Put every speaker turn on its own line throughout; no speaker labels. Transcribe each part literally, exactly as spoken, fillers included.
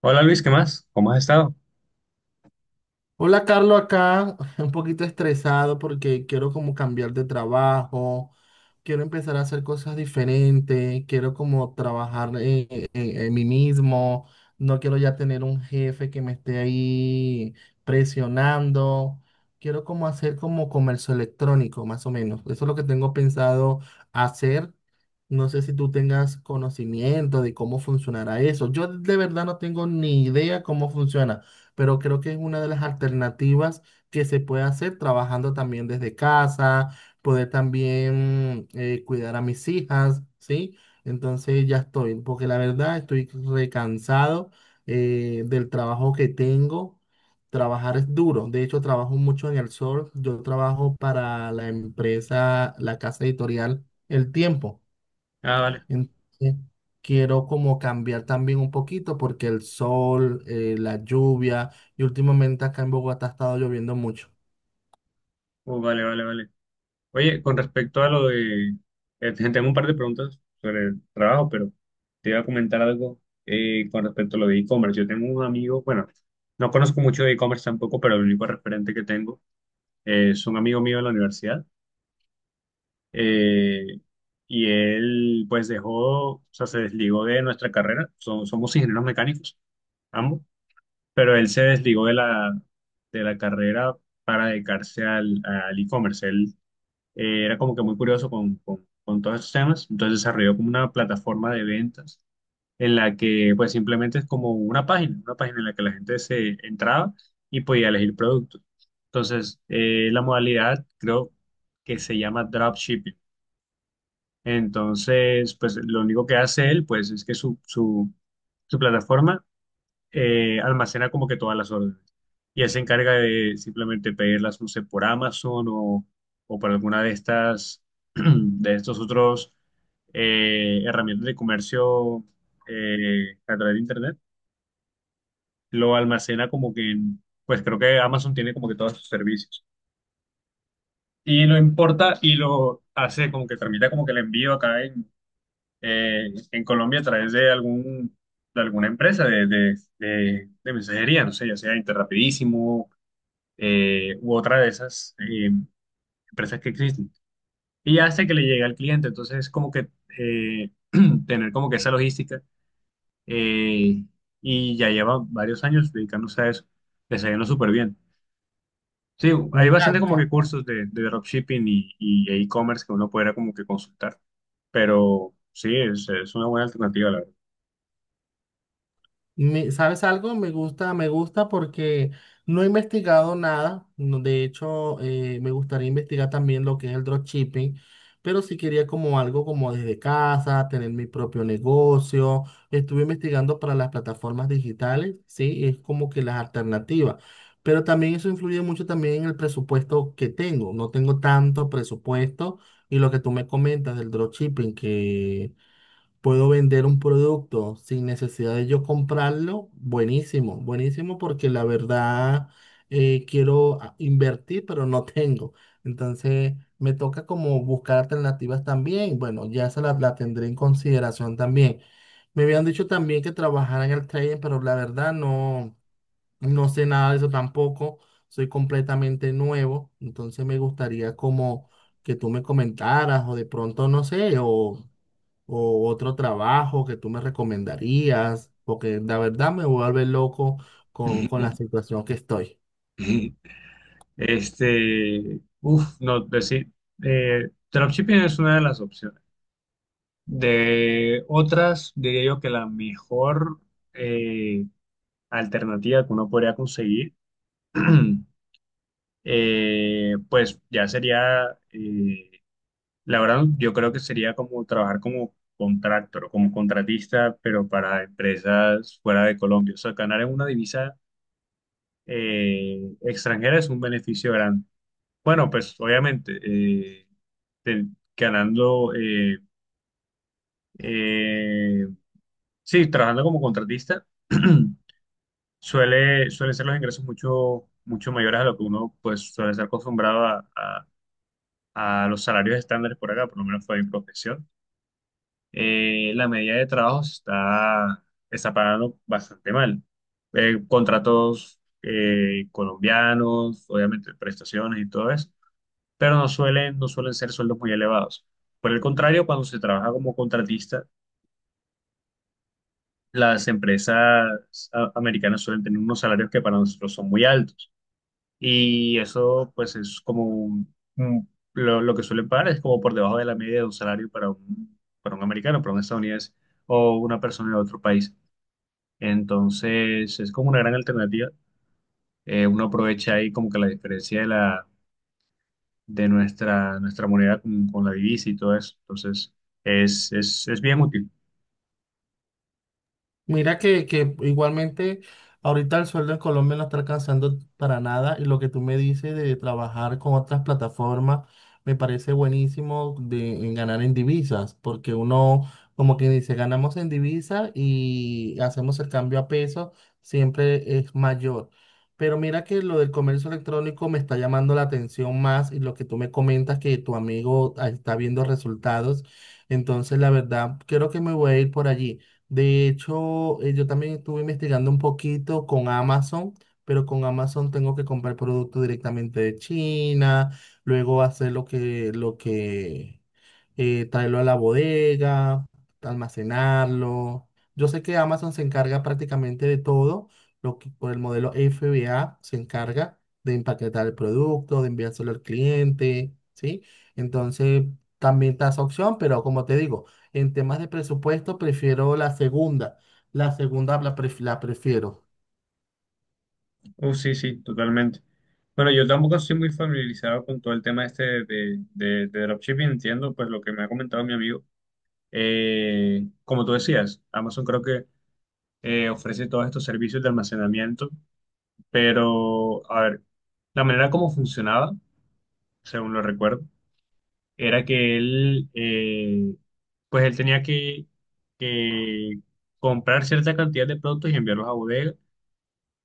Hola Luis, ¿qué más? ¿Cómo has estado?
Hola, Carlos, acá un poquito estresado porque quiero como cambiar de trabajo, quiero empezar a hacer cosas diferentes, quiero como trabajar en, en- en mí mismo, no quiero ya tener un jefe que me esté ahí presionando, quiero como hacer como comercio electrónico, más o menos. Eso es lo que tengo pensado hacer. No sé si tú tengas conocimiento de cómo funcionará eso. Yo de verdad no tengo ni idea cómo funciona, pero creo que es una de las alternativas que se puede hacer trabajando también desde casa, poder también eh, cuidar a mis hijas, ¿sí? Entonces ya estoy, porque la verdad estoy recansado eh, del trabajo que tengo. Trabajar es duro, de hecho trabajo mucho en el sol, yo trabajo para la empresa, la casa editorial El Tiempo.
Ah, vale.
Entonces, quiero como cambiar también un poquito porque el sol, eh, la lluvia y últimamente acá en Bogotá ha estado lloviendo mucho.
Uh, vale, vale, vale. Oye, con respecto a lo de... eh, te- tengo un par de preguntas sobre el trabajo, pero te iba a comentar algo eh, con respecto a lo de e-commerce. Yo tengo un amigo, bueno, no conozco mucho de e-commerce tampoco, pero el único referente que tengo eh, es un amigo mío de la universidad. eh, y él pues dejó, o sea, se desligó de nuestra carrera. So- somos ingenieros mecánicos, ambos. Pero él se desligó de la, de la carrera para dedicarse al, al e-commerce. Él eh, era como que muy curioso con, con- con todos esos temas, entonces desarrolló como una plataforma de ventas en la que pues simplemente es como una página, una página en la que la gente se entraba y podía elegir productos. Entonces, eh, la modalidad creo que se llama dropshipping. Entonces, pues lo único que hace él pues es que su, su, su plataforma eh, almacena como que todas las órdenes. Y él se encarga de simplemente pedirlas, no sé, por Amazon o, o por alguna de estas, de estos otros eh, herramientas de comercio eh, a través de Internet. Lo almacena como que en, pues creo que Amazon tiene como que todos sus servicios. Y lo importa y lo hace como que tramita como que el envío acá en, eh, en Colombia a través de algún, de alguna empresa de, de, de, de mensajería, no sé, ya sea Interrapidísimo eh, u otra de esas eh, empresas que existen. Y hace que le llegue al cliente. Entonces, como que eh, tener como que esa logística, eh, y ya lleva varios años dedicándose a eso. Le está yendo súper bien. Sí, hay
Mira,
bastante como que cursos de, de dropshipping y, y e-commerce que uno pudiera como que consultar. Pero sí, es, es una buena alternativa, la verdad.
Me- ¿sabes algo? Me gusta, me gusta porque no he investigado nada. no- De hecho, eh, me gustaría investigar también lo que es el dropshipping, pero sí quería como algo como desde casa, tener mi propio negocio. Estuve investigando para las plataformas digitales, sí, es como que las alternativas. Pero también eso influye mucho también en el presupuesto que tengo. No tengo tanto presupuesto, y lo que tú me comentas del dropshipping, puedo vender un producto sin necesidad de yo comprarlo, buenísimo, buenísimo porque la verdad eh, quiero a- invertir, pero no tengo. Entonces me toca como buscar alternativas también. Bueno, ya esa la, la tendré en consideración también. Me habían dicho también que trabajara en el trading, pero la verdad no, no sé nada de eso tampoco. Soy completamente nuevo, entonces me gustaría como que tú me comentaras o de pronto, no sé, o o otro trabajo que tú me recomendarías, porque la verdad me vuelve loco con, con la situación que estoy.
Este, uff, no, decir, eh, dropshipping es una de las opciones. De otras, diría yo que la mejor eh, alternativa que uno podría conseguir, eh, pues ya sería, eh, la verdad, yo creo que sería como trabajar como contractor, como contratista, pero para empresas fuera de Colombia. O sea, ganar en una divisa eh, extranjera es un beneficio grande. Bueno, pues obviamente, eh, te- ganando, eh, eh, sí, trabajando como contratista. Suele, suele ser los ingresos mucho, mucho mayores a lo que uno pues suele estar acostumbrado a, a- a los salarios estándares por acá, por lo menos fue mi profesión. Eh, la media de trabajo se está, está pagando bastante mal. Eh, contratos eh, colombianos, obviamente prestaciones y todo eso, pero no suelen, no suelen ser sueldos muy elevados. Por el contrario, cuando se trabaja como contratista, las empresas ah, americanas suelen tener unos salarios que para nosotros son muy altos. Y eso pues es como un- un- lo, lo que suelen pagar es como por debajo de la media de un salario para un, para un americano, para un estadounidense o una persona de otro país. Entonces es como una gran alternativa. Eh, uno aprovecha ahí como que la diferencia de la de nuestra, nuestra moneda con, con la divisa y todo eso. Entonces es, es, es bien útil.
Mira que, que igualmente ahorita el sueldo en Colombia no está alcanzando para nada, y lo que tú me dices de trabajar con otras plataformas me parece buenísimo de, en ganar en divisas, porque uno como que dice ganamos en divisas y hacemos el cambio a peso, siempre es mayor. Pero mira que lo del comercio electrónico me está llamando la atención más, y lo que tú me comentas que tu amigo ah, está viendo resultados, entonces la verdad creo que me voy a ir por allí. De hecho, eh, yo también estuve investigando un poquito con Amazon, pero con Amazon tengo que comprar productos directamente de China, luego hacer lo que, lo que, eh, traerlo a la bodega, almacenarlo. Yo sé que Amazon se encarga prácticamente de todo, lo que por el modelo F B A se encarga de empaquetar el producto, de enviárselo al cliente, ¿sí? Entonces, también está esa opción, pero como te digo, en temas de presupuesto, prefiero la segunda. La segunda la, pref- la prefiero.
Uh, sí, sí, totalmente. Bueno, yo tampoco estoy muy familiarizado con todo el tema este de, de, de dropshipping, entiendo pues lo que me ha comentado mi amigo. Eh, como tú decías, Amazon creo que eh, ofrece todos estos servicios de almacenamiento, pero a ver, la manera como funcionaba, según lo recuerdo, era que él, eh, pues él tenía que, que comprar cierta cantidad de productos y enviarlos a bodega.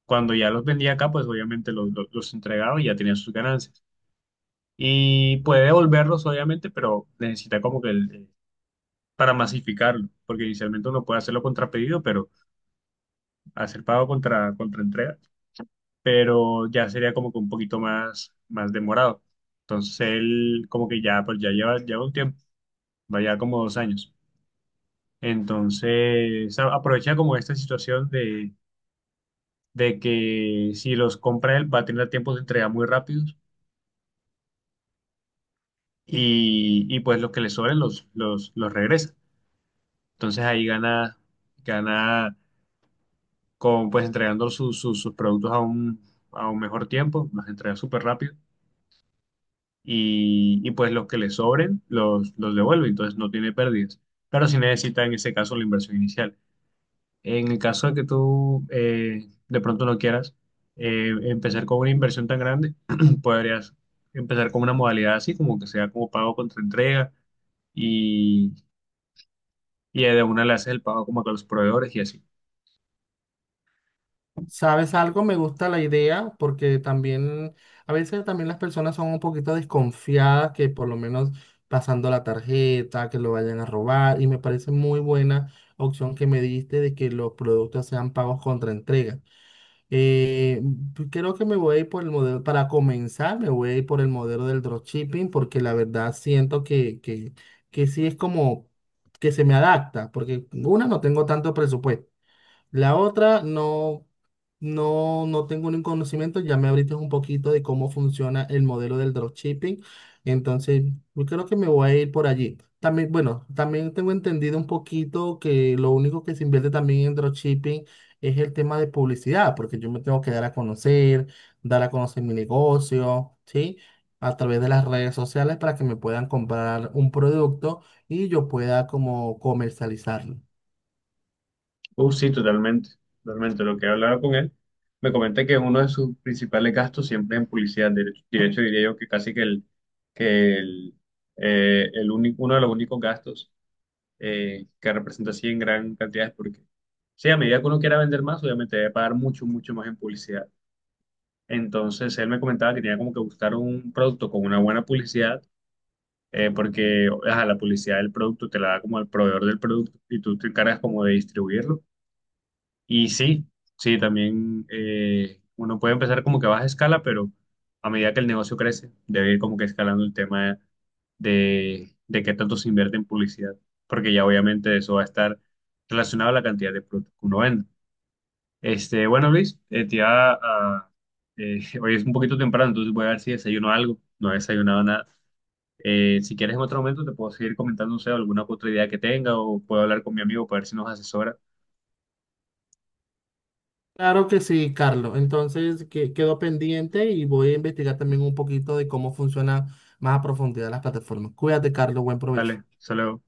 Cuando ya los vendía acá, pues obviamente los, los, los entregaba y ya tenía sus ganancias. Y puede devolverlos, obviamente, pero necesita como que el, para masificarlo, porque inicialmente uno puede hacerlo contra pedido, pero hacer pago contra, contra entrega, pero ya sería como que un poquito más, más demorado. Entonces él como que ya, pues ya lleva, lleva un tiempo, vaya como dos años. Entonces a- aprovecha como esta situación de, de que si los compra él va a tener tiempos de entrega muy rápidos y, y pues los que le sobren los, los, los regresa. Entonces ahí gana, gana con pues entregando sus, sus, sus productos a un, a un mejor tiempo, los entrega súper rápido y, y, pues los que le sobren los, los devuelve, entonces no tiene pérdidas. Pero sí necesita en ese caso la inversión inicial. En el caso de que tú eh, de pronto no quieras eh, empezar con una inversión tan grande, podrías empezar con una modalidad así, como que sea como pago contra entrega y, y de una le haces el pago como a los proveedores y así.
¿Sabes algo? Me gusta la idea porque también, a veces también las personas son un poquito desconfiadas que por lo menos pasando la tarjeta, que lo vayan a robar. Y me parece muy buena opción que me diste de que los productos sean pagos contra entrega. Eh, pues creo que me voy a ir por el modelo, para comenzar, me voy a ir por el modelo del dropshipping porque la verdad siento que, que, que sí es como que se me adapta, porque una, no tengo tanto presupuesto. La otra, no, no, no tengo ningún conocimiento. Ya me abriste un poquito de cómo funciona el modelo del dropshipping. Entonces, yo creo que me voy a ir por allí. También, bueno, también tengo entendido un poquito que lo único que se invierte también en dropshipping es el tema de publicidad, porque yo me tengo que dar a conocer, dar a conocer mi negocio, ¿sí? A través de las redes sociales para que me puedan comprar un producto y yo pueda como comercializarlo.
Uh, sí, totalmente, totalmente. Lo que he hablado con él, me comenta que uno de sus principales gastos siempre es en publicidad. De hecho, de hecho, diría yo que casi que el, que el, eh, el único, uno de los únicos gastos eh, que representa así en gran cantidad es porque, sí, a medida que uno quiera vender más, obviamente debe pagar mucho, mucho más en publicidad. Entonces, él me comentaba que tenía como que buscar un producto con una buena publicidad, eh, porque ajá, la publicidad del producto te la da como el proveedor del producto y tú te encargas como de distribuirlo y sí, sí, también eh, uno puede empezar como que a baja escala, pero a medida que el negocio crece, debe ir como que escalando el tema de, de qué tanto se invierte en publicidad, porque ya obviamente eso va a estar relacionado a la cantidad de productos que uno vende. Este, bueno, Luis, eh, te iba a- eh, hoy es un poquito temprano, entonces voy a ver si desayuno algo. No he desayunado nada. Eh, si quieres en otro momento te puedo seguir comentando, no sé, alguna otra idea que tenga o puedo hablar con mi amigo para ver si nos asesora.
Claro que sí, Carlos. Entonces, que, quedo pendiente y voy a investigar también un poquito de cómo funcionan más a profundidad las plataformas. Cuídate, Carlos. Buen provecho.
Vale, solo